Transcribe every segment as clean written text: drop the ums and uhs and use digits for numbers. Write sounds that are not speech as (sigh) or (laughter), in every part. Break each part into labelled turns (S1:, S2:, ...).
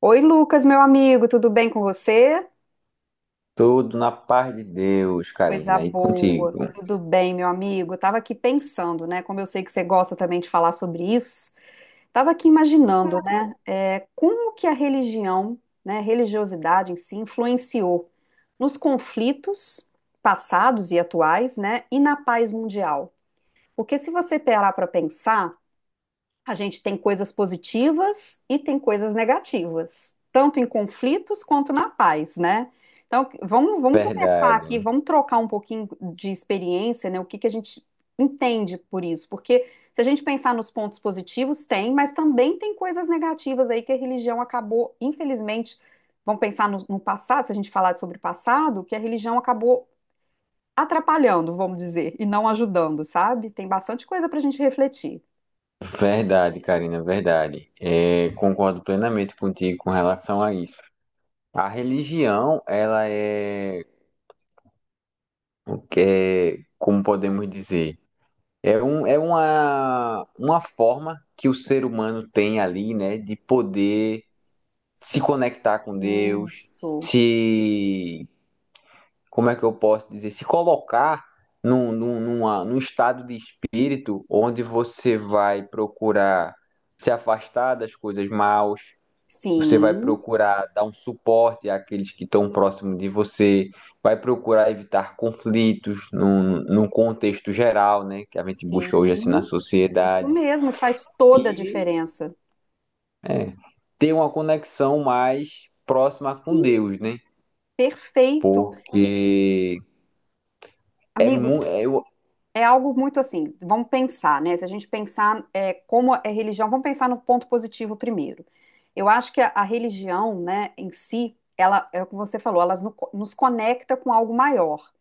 S1: Oi, Lucas, meu amigo, tudo bem com você?
S2: Tudo na paz de Deus,
S1: Coisa
S2: Karina, e contigo.
S1: boa, tudo bem, meu amigo. Eu tava aqui pensando, né? Como eu sei que você gosta também de falar sobre isso, tava aqui imaginando, né? Como que a religião, né, a religiosidade em si, influenciou nos conflitos passados e atuais, né? E na paz mundial. Porque se você parar para pensar, a gente tem coisas positivas e tem coisas negativas, tanto em conflitos quanto na paz, né? Então, vamos começar aqui,
S2: Verdade,
S1: vamos trocar um pouquinho de experiência, né? O que que a gente entende por isso? Porque se a gente pensar nos pontos positivos, tem, mas também tem coisas negativas aí que a religião acabou, infelizmente, vamos pensar no passado, se a gente falar sobre o passado, que a religião acabou atrapalhando, vamos dizer, e não ajudando, sabe? Tem bastante coisa para a gente refletir.
S2: verdade, Karina, verdade. É, concordo plenamente contigo com relação a isso. A religião, o que é, como podemos dizer, é uma forma que o ser humano tem ali, né, de poder se
S1: Se
S2: conectar com Deus,
S1: isso.
S2: se como é que eu posso dizer, se colocar num estado de espírito onde você vai procurar se afastar das coisas maus, você vai
S1: Sim,
S2: procurar dar um suporte àqueles que estão próximos de você, vai procurar evitar conflitos num contexto geral, né, que a gente busca hoje assim na
S1: sim. Isso
S2: sociedade,
S1: mesmo, e faz toda a
S2: e
S1: diferença.
S2: é, ter uma conexão mais próxima com
S1: Sim,
S2: Deus, né?
S1: perfeito.
S2: Porque é
S1: Amigos,
S2: muito,
S1: é algo muito assim, vamos pensar, né? Se a gente pensar como é religião, vamos pensar no ponto positivo primeiro. Eu acho que a religião, né, em si, ela, é o que você falou, ela nos conecta com algo maior.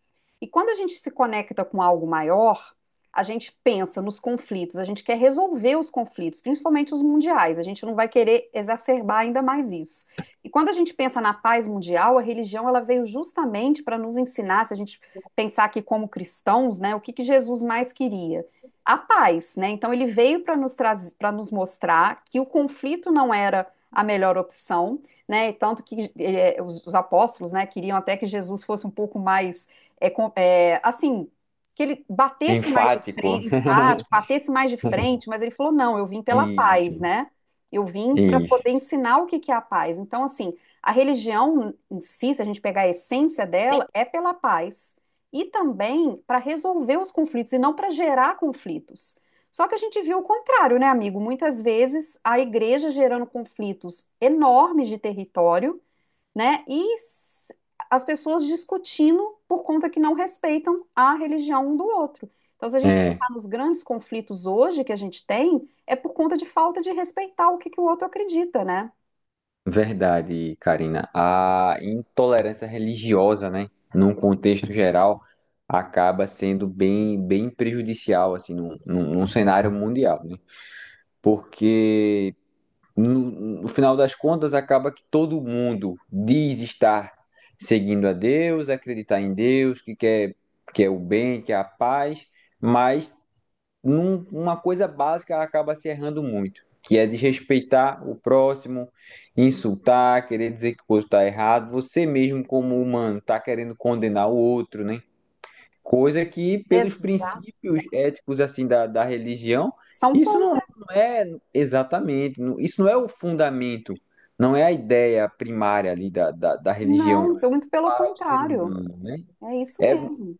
S1: E quando a gente se conecta com algo maior, a gente pensa nos conflitos, a gente quer resolver os conflitos, principalmente os mundiais, a gente não vai querer exacerbar ainda mais isso. E quando a gente pensa na paz mundial, a religião ela veio justamente para nos ensinar, se a gente pensar aqui como cristãos, né, o que Jesus mais queria? A paz, né? Então ele veio para nos trazer, para nos mostrar que o conflito não era a melhor opção, né? Tanto que os apóstolos, né, queriam até que Jesus fosse um pouco mais, assim, que ele batesse mais de
S2: Enfático.
S1: frente, enfático,
S2: (laughs)
S1: batesse mais de frente, mas ele falou, não, eu vim pela paz,
S2: Isso,
S1: né? Eu vim para
S2: isso.
S1: poder ensinar o que que é a paz. Então, assim, a religião em si, se a gente pegar a essência dela, é pela paz e também para resolver os conflitos e não para gerar conflitos. Só que a gente viu o contrário, né, amigo? Muitas vezes a igreja gerando conflitos enormes de território, né? E as pessoas discutindo por conta que não respeitam a religião um do outro. Então, se a gente
S2: É
S1: pensar nos grandes conflitos hoje que a gente tem, é por conta de falta de respeitar o que que o outro acredita, né?
S2: verdade, Karina. A intolerância religiosa, né, num contexto geral, acaba sendo bem prejudicial, assim, num cenário mundial, né? Porque, no final das contas, acaba que todo mundo diz estar seguindo a Deus, acreditar em Deus, quer o bem, quer a paz, mas num- uma coisa básica acaba se errando muito, que é desrespeitar o próximo, insultar, querer dizer que o outro está errado, você mesmo como humano está querendo condenar o outro, né? Coisa que pelos
S1: Exato.
S2: princípios éticos assim da religião,
S1: São
S2: isso não,
S1: contra.
S2: não é isso não é o fundamento, não é a ideia primária ali da religião
S1: Não, muito pelo
S2: para o ser
S1: contrário.
S2: humano, né?
S1: É isso
S2: É
S1: mesmo.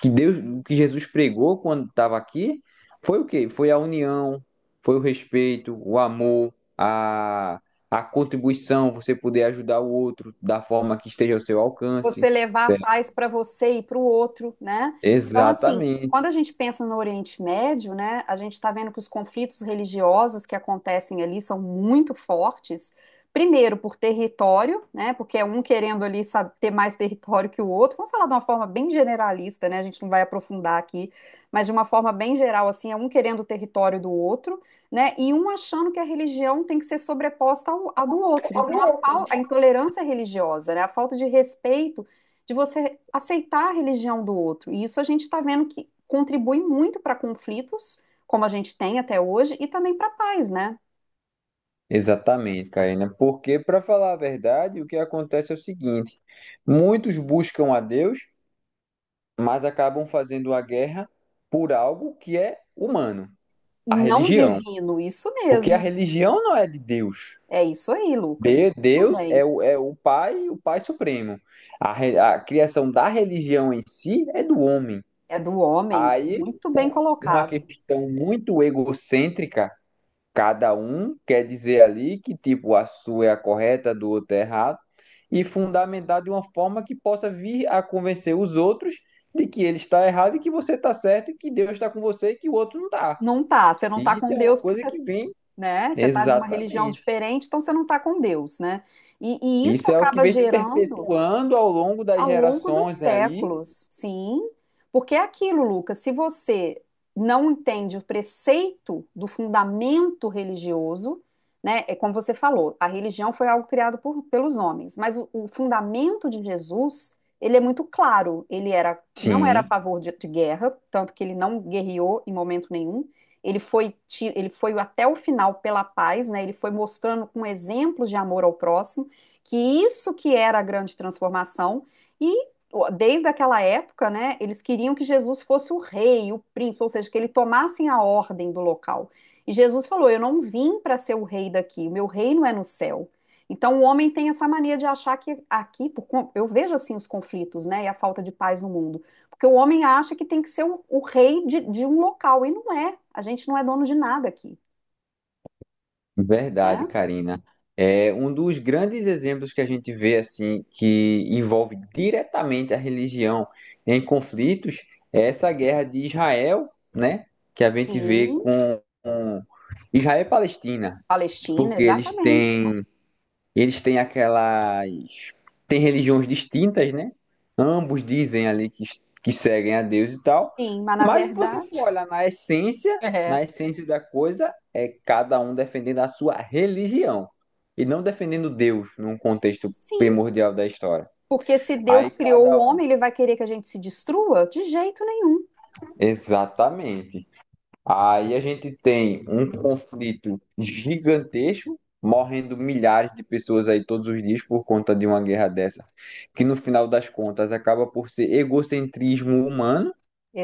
S2: que Deus, o que Jesus pregou quando estava aqui foi o quê? Foi a união, foi o respeito, o amor, a contribuição, você poder ajudar o outro da forma que esteja ao seu
S1: Você
S2: alcance.
S1: levar a
S2: É,
S1: paz para você e para o outro, né? Então, assim,
S2: Exatamente,
S1: quando a gente pensa no Oriente Médio, né, a gente está vendo que os conflitos religiosos que acontecem ali são muito fortes. Primeiro, por território, né, porque é um querendo ali sabe, ter mais território que o outro. Vamos falar de uma forma bem generalista, né, a gente não vai aprofundar aqui, mas de uma forma bem geral, assim, é um querendo o território do outro, né? E um achando que a religião tem que ser sobreposta ao, à do outro. Então, a intolerância religiosa, né? A falta de respeito de você aceitar a religião do outro. E isso a gente está vendo que contribui muito para conflitos, como a gente tem até hoje, e também para a paz, né?
S2: exatamente, Karina. Porque, para falar a verdade, o que acontece é o seguinte: muitos buscam a Deus, mas acabam fazendo a guerra por algo que é humano, a
S1: Não
S2: religião.
S1: divino, isso
S2: Porque a
S1: mesmo.
S2: religião não é de Deus.
S1: É isso aí, Lucas.
S2: De-
S1: Muito
S2: Deus
S1: bem.
S2: é o Pai, o Pai Supremo. A, re- a criação da religião em si é do homem.
S1: É do homem,
S2: Aí,
S1: muito bem
S2: por uma
S1: colocado.
S2: questão muito egocêntrica, cada um quer dizer ali que, tipo, a sua é a correta, a do outro é errado, e fundamentar de uma forma que possa vir a convencer os outros de que ele está errado e que você está certo, e que Deus está com você e que o outro não está.
S1: Não tá, você não tá
S2: E isso
S1: com
S2: é uma
S1: Deus porque
S2: coisa
S1: você,
S2: que vem
S1: né? Você está numa religião
S2: exatamente.
S1: diferente, então você não está com Deus, né? E, e isso
S2: Isso é o que
S1: acaba
S2: vem se
S1: gerando
S2: perpetuando ao longo das
S1: ao longo dos
S2: gerações aí.
S1: séculos, sim. Porque é aquilo, Lucas, se você não entende o preceito do fundamento religioso, né, é como você falou, a religião foi algo criado pelos homens, mas o fundamento de Jesus, ele é muito claro, ele era, não era a
S2: Sim,
S1: favor de guerra, tanto que ele não guerreou em momento nenhum, ele foi, ele foi até o final pela paz, né, ele foi mostrando com exemplos de amor ao próximo, que isso que era a grande transformação, e ó, desde aquela época, né, eles queriam que Jesus fosse o rei, o príncipe, ou seja, que ele tomasse a ordem do local. E Jesus falou: Eu não vim para ser o rei daqui, o meu reino é no céu. Então o homem tem essa mania de achar que aqui, eu vejo assim os conflitos, né, e a falta de paz no mundo, porque o homem acha que tem que ser o rei de um local, e não é. A gente não é dono de nada aqui,
S2: verdade,
S1: né?
S2: Karina. É um dos grandes exemplos que a gente vê assim que envolve diretamente a religião em conflitos é essa guerra de Israel, né? Que a gente vê
S1: Sim,
S2: com Israel e Palestina,
S1: Palestina,
S2: porque
S1: exatamente.
S2: Eles têm aquelas. Têm religiões distintas, né? Ambos dizem ali que seguem a Deus e tal.
S1: Sim, mas na
S2: Mas se você
S1: verdade,
S2: for olhar
S1: (laughs) é.
S2: na essência da coisa, é cada um defendendo a sua religião. E não defendendo Deus num contexto
S1: Sim,
S2: primordial da história.
S1: porque se Deus
S2: Aí
S1: criou o
S2: cada um.
S1: homem, ele vai querer que a gente se destrua? De jeito nenhum.
S2: Exatamente. Aí a gente tem um conflito gigantesco, morrendo milhares de pessoas aí todos os dias por conta de uma guerra dessa, que no final das contas acaba por ser egocentrismo humano,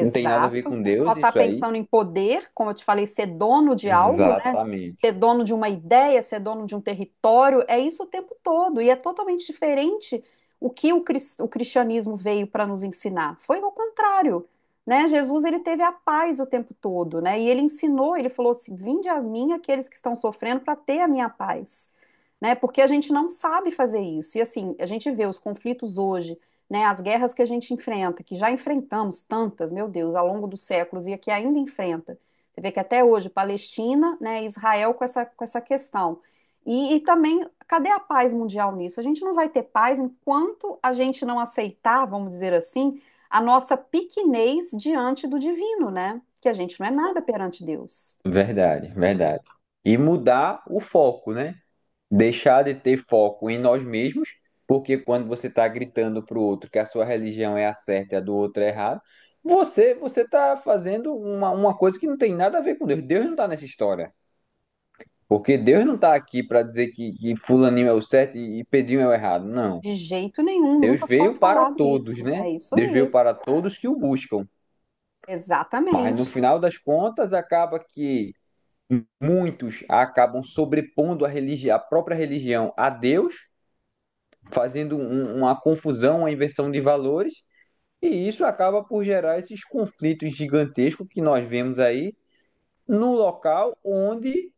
S2: não tem nada a ver com
S1: Só
S2: Deus
S1: está
S2: isso aí.
S1: pensando em poder, como eu te falei, ser dono de algo, né?
S2: Exatamente.
S1: Ser dono de uma ideia, ser dono de um território, é isso o tempo todo. E é totalmente diferente o que o cristianismo veio para nos ensinar. Foi o contrário, né? Jesus, ele teve a paz o tempo todo, né? E ele ensinou, ele falou assim: Vinde a mim aqueles que estão sofrendo para ter a minha paz, né? Porque a gente não sabe fazer isso. E assim, a gente vê os conflitos hoje, né, as guerras que a gente enfrenta, que já enfrentamos tantas, meu Deus, ao longo dos séculos e aqui ainda enfrenta. Você vê que até hoje, Palestina, né, Israel com com essa questão. E também, cadê a paz mundial nisso? A gente não vai ter paz enquanto a gente não aceitar, vamos dizer assim, a nossa pequenez diante do divino, né? Que a gente não é nada perante Deus.
S2: Verdade, verdade. E mudar o foco, né? Deixar de ter foco em nós mesmos, porque quando você está gritando para o outro que a sua religião é a certa e a do outro é errada, você está fazendo uma coisa que não tem nada a ver com Deus. Deus não está nessa história. Porque Deus não está aqui para dizer que fulaninho é o certo e pedrinho é o errado. Não.
S1: De jeito nenhum,
S2: Deus
S1: nunca foi
S2: veio para
S1: falado
S2: todos,
S1: isso. É
S2: né?
S1: isso
S2: Deus veio
S1: aí.
S2: para todos que o buscam. Mas no
S1: Exatamente.
S2: final das contas, acaba que muitos acabam sobrepondo a própria religião a Deus, fazendo uma confusão, uma inversão de valores, e isso acaba por gerar esses conflitos gigantescos que nós vemos aí no local onde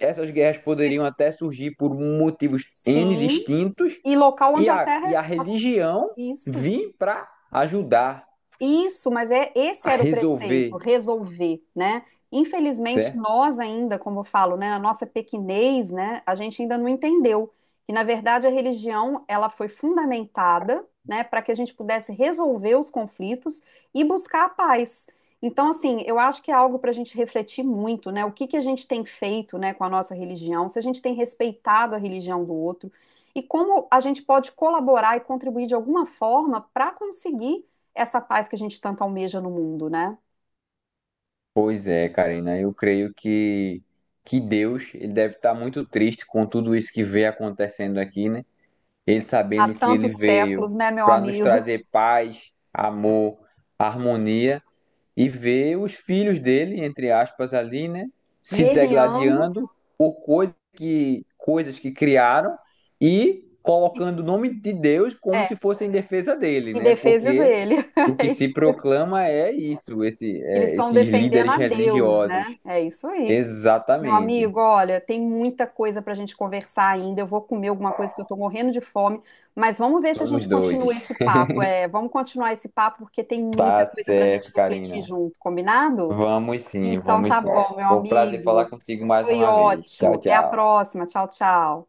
S2: essas guerras poderiam
S1: Se-
S2: até surgir por motivos N
S1: Sim,
S2: distintos
S1: e local
S2: e
S1: onde a
S2: a,
S1: terra,
S2: e
S1: é,
S2: a
S1: a
S2: religião
S1: isso,
S2: vir para ajudar
S1: isso, mas é esse
S2: a
S1: era o preceito,
S2: resolver,
S1: resolver, né? Infelizmente,
S2: certo?
S1: nós ainda, como eu falo, né, na nossa pequenez, né, a gente ainda não entendeu que, na verdade, a religião, ela foi fundamentada, né, para que a gente pudesse resolver os conflitos e buscar a paz. Então, assim, eu acho que é algo para a gente refletir muito, né? O que que a gente tem feito, né, com a nossa religião, se a gente tem respeitado a religião do outro e como a gente pode colaborar e contribuir de alguma forma para conseguir essa paz que a gente tanto almeja no mundo, né?
S2: Pois é, Karina, que Deus ele deve estar muito triste com tudo isso que vê acontecendo aqui, né? Ele
S1: Há
S2: sabendo que ele
S1: tantos
S2: veio
S1: séculos, né, meu
S2: para nos
S1: amigo?
S2: trazer paz, amor, harmonia e ver os filhos dele, entre aspas, ali, né,
S1: (laughs)
S2: se
S1: Guerreando,
S2: degladiando por coisas que criaram e colocando o nome de Deus como
S1: é,
S2: se fosse em defesa dele,
S1: em
S2: né?
S1: defesa
S2: Porque
S1: dele.
S2: o
S1: (laughs)
S2: que
S1: É
S2: se
S1: isso.
S2: proclama é
S1: Eles estão
S2: esses
S1: defendendo
S2: líderes
S1: a Deus, né?
S2: religiosos.
S1: É isso aí. Meu
S2: Exatamente.
S1: amigo, olha, tem muita coisa para a gente conversar ainda. Eu vou comer alguma coisa que eu estou morrendo de fome, mas vamos ver se a
S2: Somos
S1: gente continua
S2: dois.
S1: esse papo. É, vamos continuar esse papo porque tem muita
S2: Tá
S1: coisa para a gente
S2: certo,
S1: refletir
S2: Karina.
S1: junto, combinado?
S2: Vamos sim,
S1: Então
S2: vamos
S1: tá
S2: sim.
S1: bom, meu
S2: Foi um prazer falar
S1: amigo.
S2: contigo mais
S1: Foi
S2: uma vez.
S1: ótimo.
S2: Tchau,
S1: Até a
S2: tchau.
S1: próxima. Tchau, tchau.